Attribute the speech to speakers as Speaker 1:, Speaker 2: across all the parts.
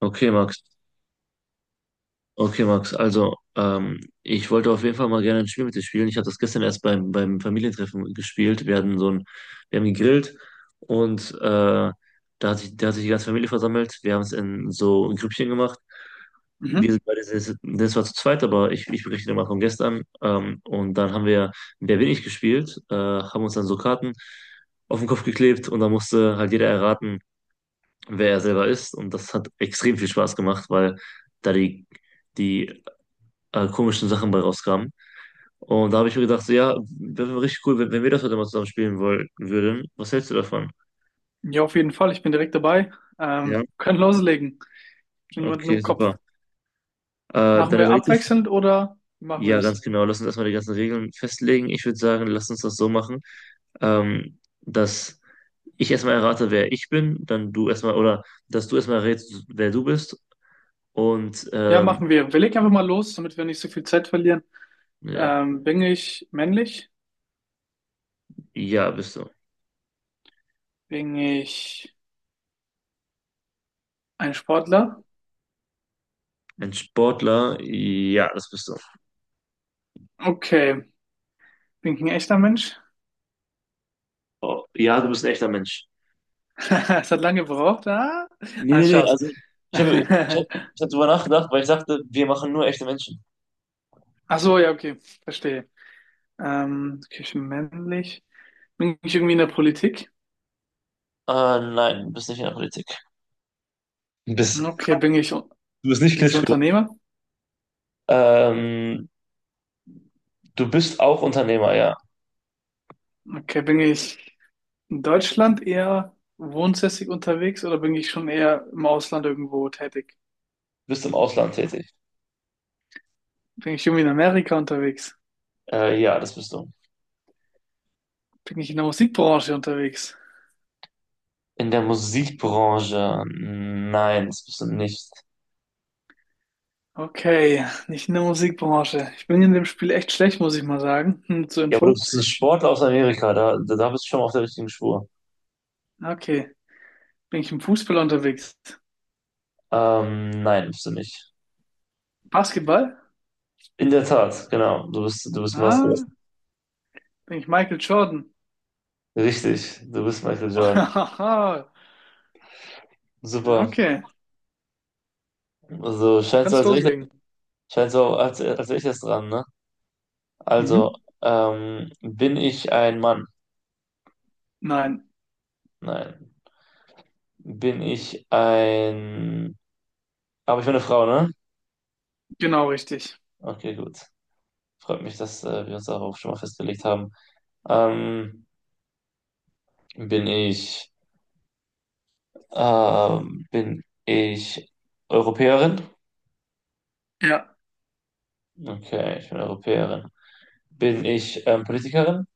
Speaker 1: Okay, Max. Okay, Max. Also, ich wollte auf jeden Fall mal gerne ein Spiel mit dir spielen. Ich habe das gestern erst beim Familientreffen gespielt. Wir hatten so ein, wir haben gegrillt und da da hat sich die ganze Familie versammelt. Wir haben es in so ein Grüppchen gemacht. Wir
Speaker 2: Mhm.
Speaker 1: sind beide, sehr- das war zu zweit, aber ich berichte dir mal von gestern. Und dann haben wir Wer bin ich gespielt, haben uns dann so Karten auf den Kopf geklebt und dann musste halt jeder erraten, wer er selber ist. Und das hat extrem viel Spaß gemacht, weil da die komischen Sachen bei rauskamen. Und da habe ich mir gedacht, so, ja, das wäre richtig cool, wenn wir das heute mal zusammen spielen wollen, würden. Was hältst du davon?
Speaker 2: Ja, auf jeden Fall. Ich bin direkt dabei.
Speaker 1: Ja,
Speaker 2: Können loslegen. Schon jemanden
Speaker 1: okay,
Speaker 2: im
Speaker 1: super.
Speaker 2: Kopf. Machen
Speaker 1: Dann
Speaker 2: wir
Speaker 1: überleg dir,
Speaker 2: abwechselnd oder wie machen wir
Speaker 1: ja, ganz
Speaker 2: es?
Speaker 1: genau, lass uns erstmal die ganzen Regeln festlegen. Ich würde sagen, lass uns das so machen, dass ich erstmal errate, wer ich bin, dann du erstmal, oder dass du erstmal errätst, wer du bist. Und
Speaker 2: Ja, machen wir. Wir legen einfach mal los, damit wir nicht so viel Zeit verlieren.
Speaker 1: ja,
Speaker 2: Bin ich männlich?
Speaker 1: ja, bist du.
Speaker 2: Bin ich ein Sportler?
Speaker 1: Ein Sportler? Ja, das bist du.
Speaker 2: Okay. Bin ich ein echter Mensch?
Speaker 1: Oh, ja, du bist ein echter Mensch.
Speaker 2: Es hat lange gebraucht. Ah,
Speaker 1: Nee,
Speaker 2: ah
Speaker 1: nee, nee,
Speaker 2: Spaß.
Speaker 1: also ich
Speaker 2: Ach
Speaker 1: habe ich hab, ich hab drüber nachgedacht, weil ich dachte, wir machen nur echte Menschen.
Speaker 2: so, ja, okay. Verstehe. Okay, ich bin männlich. Bin ich irgendwie in der Politik?
Speaker 1: Ah, nein, du bist nicht in der Politik. Du bist,
Speaker 2: Okay,
Speaker 1: du bist nicht
Speaker 2: bin ich
Speaker 1: Klitschko.
Speaker 2: Unternehmer?
Speaker 1: Ähm, du bist auch Unternehmer, ja.
Speaker 2: Okay, bin ich in Deutschland eher wohnsässig unterwegs oder bin ich schon eher im Ausland irgendwo tätig?
Speaker 1: Du bist im Ausland tätig.
Speaker 2: Bin ich irgendwie in Amerika unterwegs?
Speaker 1: Ja, das bist du.
Speaker 2: Bin ich in der Musikbranche unterwegs?
Speaker 1: In der Musikbranche? Nein, das bist du nicht.
Speaker 2: Okay, nicht in der Musikbranche. Ich bin in dem Spiel echt schlecht, muss ich mal sagen. Hm, zur
Speaker 1: Ja, aber du
Speaker 2: Info.
Speaker 1: bist ein Sportler aus Amerika, da bist du schon mal auf der richtigen Spur.
Speaker 2: Okay, bin ich im Fußball unterwegs?
Speaker 1: Nein, bist du nicht.
Speaker 2: Basketball?
Speaker 1: In der Tat, genau. Du bist ein Basketballer.
Speaker 2: Ah, bin ich Michael Jordan?
Speaker 1: Richtig, du bist Michael Jordan.
Speaker 2: Ja,
Speaker 1: Super.
Speaker 2: okay,
Speaker 1: Also scheint so,
Speaker 2: kannst
Speaker 1: als wäre ich,
Speaker 2: loslegen.
Speaker 1: Scheint so, als wäre ich jetzt dran, ne? Also,
Speaker 2: Mhm.
Speaker 1: bin ich ein Mann?
Speaker 2: Nein,
Speaker 1: Nein. Bin ich ein... Aber ich bin eine Frau, ne?
Speaker 2: genau richtig.
Speaker 1: Okay, gut. Freut mich, dass wir uns darauf schon mal festgelegt haben. Ähm, bin ich... Bin ich Europäerin?
Speaker 2: Ja,
Speaker 1: Okay, ich bin Europäerin. Bin ich Politikerin?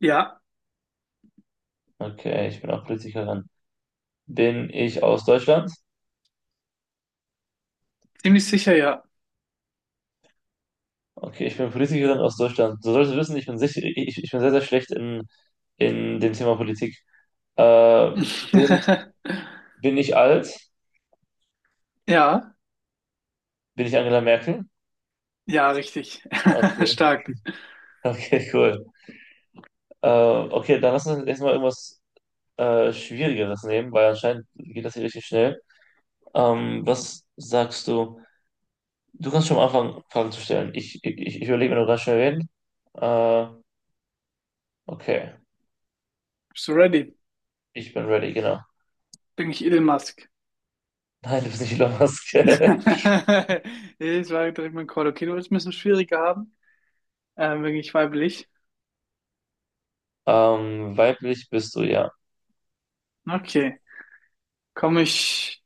Speaker 2: ja,
Speaker 1: Okay, ich bin auch Politikerin. Bin ich aus Deutschland?
Speaker 2: ziemlich sicher ja.
Speaker 1: Okay, ich bin Politikerin aus Deutschland. Du solltest wissen, ich bin sehr, sehr schlecht in dem Thema Politik. Äh, bin, bin ich alt?
Speaker 2: Ja,
Speaker 1: Bin ich Angela Merkel?
Speaker 2: ja, richtig.
Speaker 1: Okay,
Speaker 2: Stark.
Speaker 1: okay, cool. Okay, dann lass uns jetzt mal irgendwas Schwierigeres nehmen, weil anscheinend geht das hier richtig schnell. Was sagst du? Du kannst schon am Anfang Fragen zu stellen. Ich überlege mir noch ganz schnell reden. Äh, okay,
Speaker 2: Bist du ready?
Speaker 1: ich bin ready, genau.
Speaker 2: Bin ich Elon Musk?
Speaker 1: Nein, du bist nicht Elon Musk.
Speaker 2: Ich war direkt mein dem Call. Okay, du willst ein bisschen schwieriger haben. Bin ich weiblich?
Speaker 1: Weiblich bist du, ja.
Speaker 2: Okay. Komme ich,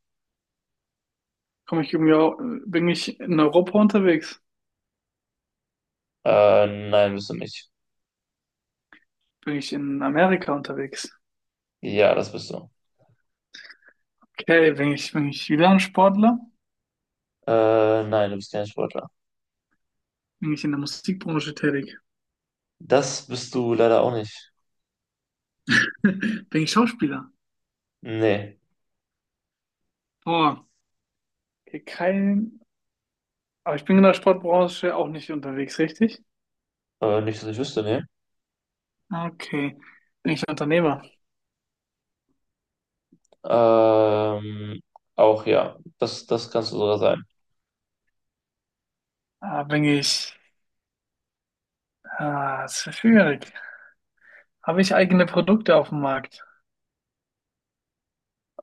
Speaker 2: komme ich irgendwie, bin ich in Europa unterwegs?
Speaker 1: Nein, bist du nicht.
Speaker 2: Bin ich in Amerika unterwegs?
Speaker 1: Ja, das bist du.
Speaker 2: Okay, bin ich wieder ein Sportler?
Speaker 1: Nein, du bist kein Sportler.
Speaker 2: Bin ich in der Musikbranche tätig?
Speaker 1: Das bist du leider auch nicht.
Speaker 2: Bin ich Schauspieler?
Speaker 1: Nee,
Speaker 2: Boah, okay, kein, aber ich bin in der Sportbranche auch nicht unterwegs, richtig?
Speaker 1: nicht, dass ich wüsste, nee.
Speaker 2: Okay. Bin ich Unternehmer?
Speaker 1: Ähm, Auch ja, das kannst du sogar sein.
Speaker 2: Ah, bin ich. Ah, das ist schwierig. Habe ich eigene Produkte auf dem Markt?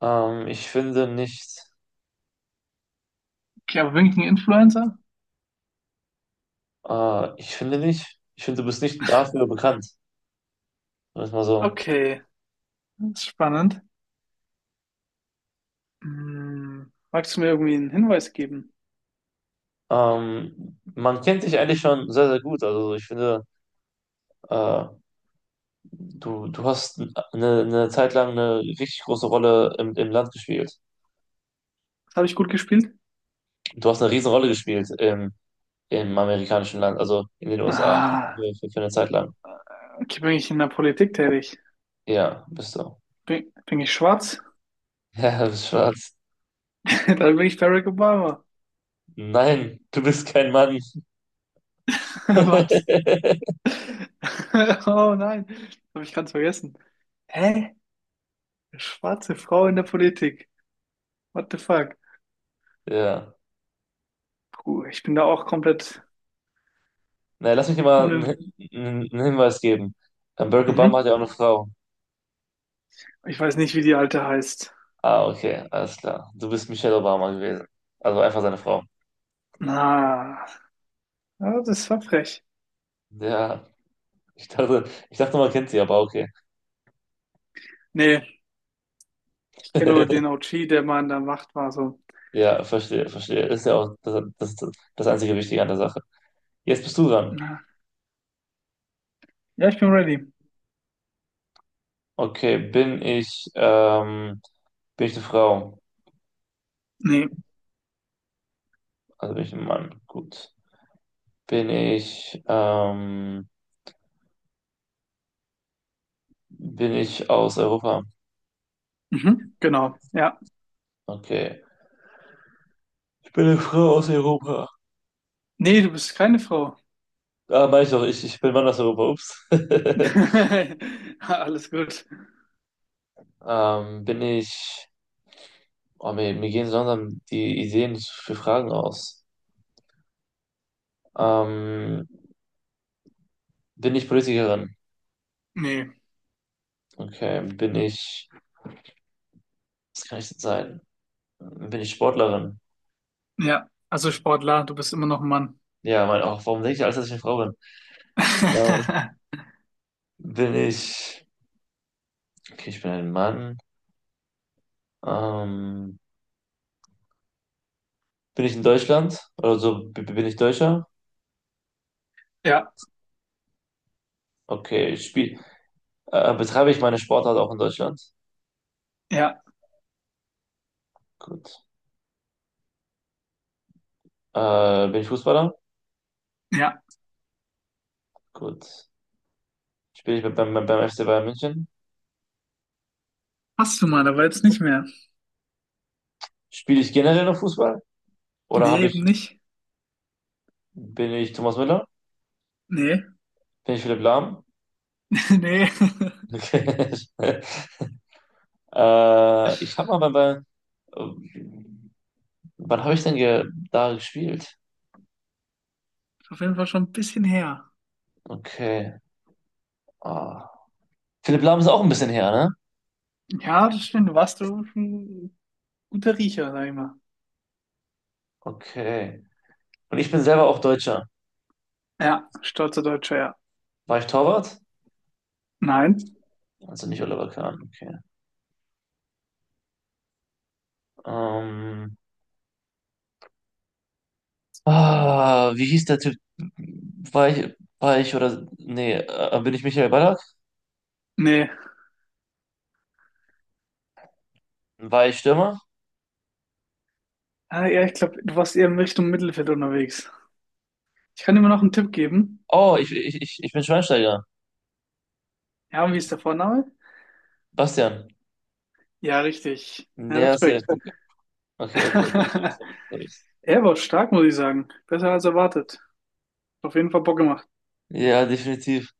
Speaker 1: Ähm, ich finde nicht,
Speaker 2: Okay, aber bin ich ein Influencer?
Speaker 1: Ich finde nicht, ich finde, du bist nicht dafür bekannt, sagen wir es mal so.
Speaker 2: Okay, das ist spannend. Hm, magst du mir irgendwie einen Hinweis geben?
Speaker 1: Man kennt dich eigentlich schon sehr, sehr gut. Also ich finde, äh, du hast eine Zeit lang eine richtig große Rolle im Land gespielt.
Speaker 2: Das habe ich gut gespielt.
Speaker 1: Du hast eine riesen Rolle gespielt im Im amerikanischen Land, also in den USA,
Speaker 2: Ah,
Speaker 1: für eine Zeit lang.
Speaker 2: okay, bin ich in der Politik tätig?
Speaker 1: Ja, bist du.
Speaker 2: Bin ich schwarz?
Speaker 1: Ja, du bist schwarz.
Speaker 2: Dann bin ich Barack Obama.
Speaker 1: Nein, du bist kein Mann.
Speaker 2: Was? Oh nein, habe ich ganz vergessen. Hä? Eine schwarze Frau in der Politik. What the fuck?
Speaker 1: Ja.
Speaker 2: Puh, ich bin da auch komplett
Speaker 1: Na, lass mich dir mal
Speaker 2: unin...
Speaker 1: einen Hinweis geben. Barack Obama hat
Speaker 2: Mhm.
Speaker 1: ja auch eine Frau.
Speaker 2: Ich weiß nicht, wie die alte heißt.
Speaker 1: Ah, okay, alles klar. Du bist Michelle Obama gewesen. Also einfach seine Frau.
Speaker 2: Na, ja, das war frech.
Speaker 1: Ja, ich dachte, ich dachte, man kennt sie, aber okay.
Speaker 2: Nee, ich kenne nur den OG, der mal in der Macht war. So,
Speaker 1: Ja, verstehe, verstehe. Ist ja auch das einzige Wichtige an der Sache. Jetzt bist du dran.
Speaker 2: na, ja, ich bin ready.
Speaker 1: Okay, bin ich Bin ich eine Frau?
Speaker 2: Nee,
Speaker 1: Also bin ich ein Mann. Gut. Bin ich, ähm, bin ich aus Europa?
Speaker 2: mhm, genau. Ja,
Speaker 1: Okay. Ich bin eine Frau aus Europa.
Speaker 2: nee, du bist keine Frau.
Speaker 1: Ah, meine ich doch, ich bin Mann aus Europa. Ups.
Speaker 2: Alles gut.
Speaker 1: Bin ich, oh, mir gehen so langsam die Ideen für Fragen aus. Ähm, Bin ich Politikerin?
Speaker 2: Nee,
Speaker 1: Okay. Bin ich, was kann ich denn sein? Bin ich Sportlerin?
Speaker 2: ja, also Sportler, du bist immer noch ein Mann.
Speaker 1: Ja, mein, auch, warum denke ich alles, dass ich eine Frau bin? Ähm, bin ich, okay, ich bin ein Mann. Ähm, Bin ich in Deutschland? Also bin ich Deutscher?
Speaker 2: Ja,
Speaker 1: Okay, betreibe ich meine Sportart auch in Deutschland?
Speaker 2: ja,
Speaker 1: Gut. Bin ich Fußballer?
Speaker 2: ja.
Speaker 1: Gut. Spiele ich beim FC Bayern München?
Speaker 2: Hast du mal, aber jetzt nicht mehr.
Speaker 1: Spiele ich generell noch Fußball? Oder
Speaker 2: Nee,
Speaker 1: habe
Speaker 2: eben
Speaker 1: ich,
Speaker 2: nicht.
Speaker 1: bin ich Thomas Müller?
Speaker 2: Nee,
Speaker 1: Bin ich Philipp Lahm?
Speaker 2: nee.
Speaker 1: Okay.
Speaker 2: Ist
Speaker 1: Ich habe mal bei, bei wann habe ich denn ge da gespielt?
Speaker 2: auf jeden Fall schon ein bisschen her.
Speaker 1: Okay. Ah. Philipp Lahm ist auch ein bisschen her, ne?
Speaker 2: Ja, das stimmt. Warst du schon. Guter Riecher, sag ich mal.
Speaker 1: Okay. Und ich bin selber auch Deutscher.
Speaker 2: Ja, stolzer Deutscher, ja.
Speaker 1: War ich Torwart?
Speaker 2: Nein?
Speaker 1: Also nicht Oliver Kahn. Okay. Ähm, Ah, wie hieß der Typ? War ich? War ich oder. Nee, bin ich Michael Ballack?
Speaker 2: Nee.
Speaker 1: War ich Stürmer?
Speaker 2: Ah, ja, ich glaube, du warst eher in Richtung Mittelfeld unterwegs. Ich kann dir mal noch einen Tipp geben.
Speaker 1: Oh, ich bin Schweinsteiger.
Speaker 2: Ja, und wie ist der Vorname?
Speaker 1: Bastian.
Speaker 2: Ja, richtig. Ja,
Speaker 1: Ja, safe.
Speaker 2: Respekt.
Speaker 1: Okay, okay. okay, okay, sorry, sorry.
Speaker 2: Er war stark, muss ich sagen. Besser als erwartet. Auf jeden Fall Bock gemacht.
Speaker 1: Ja, definitiv.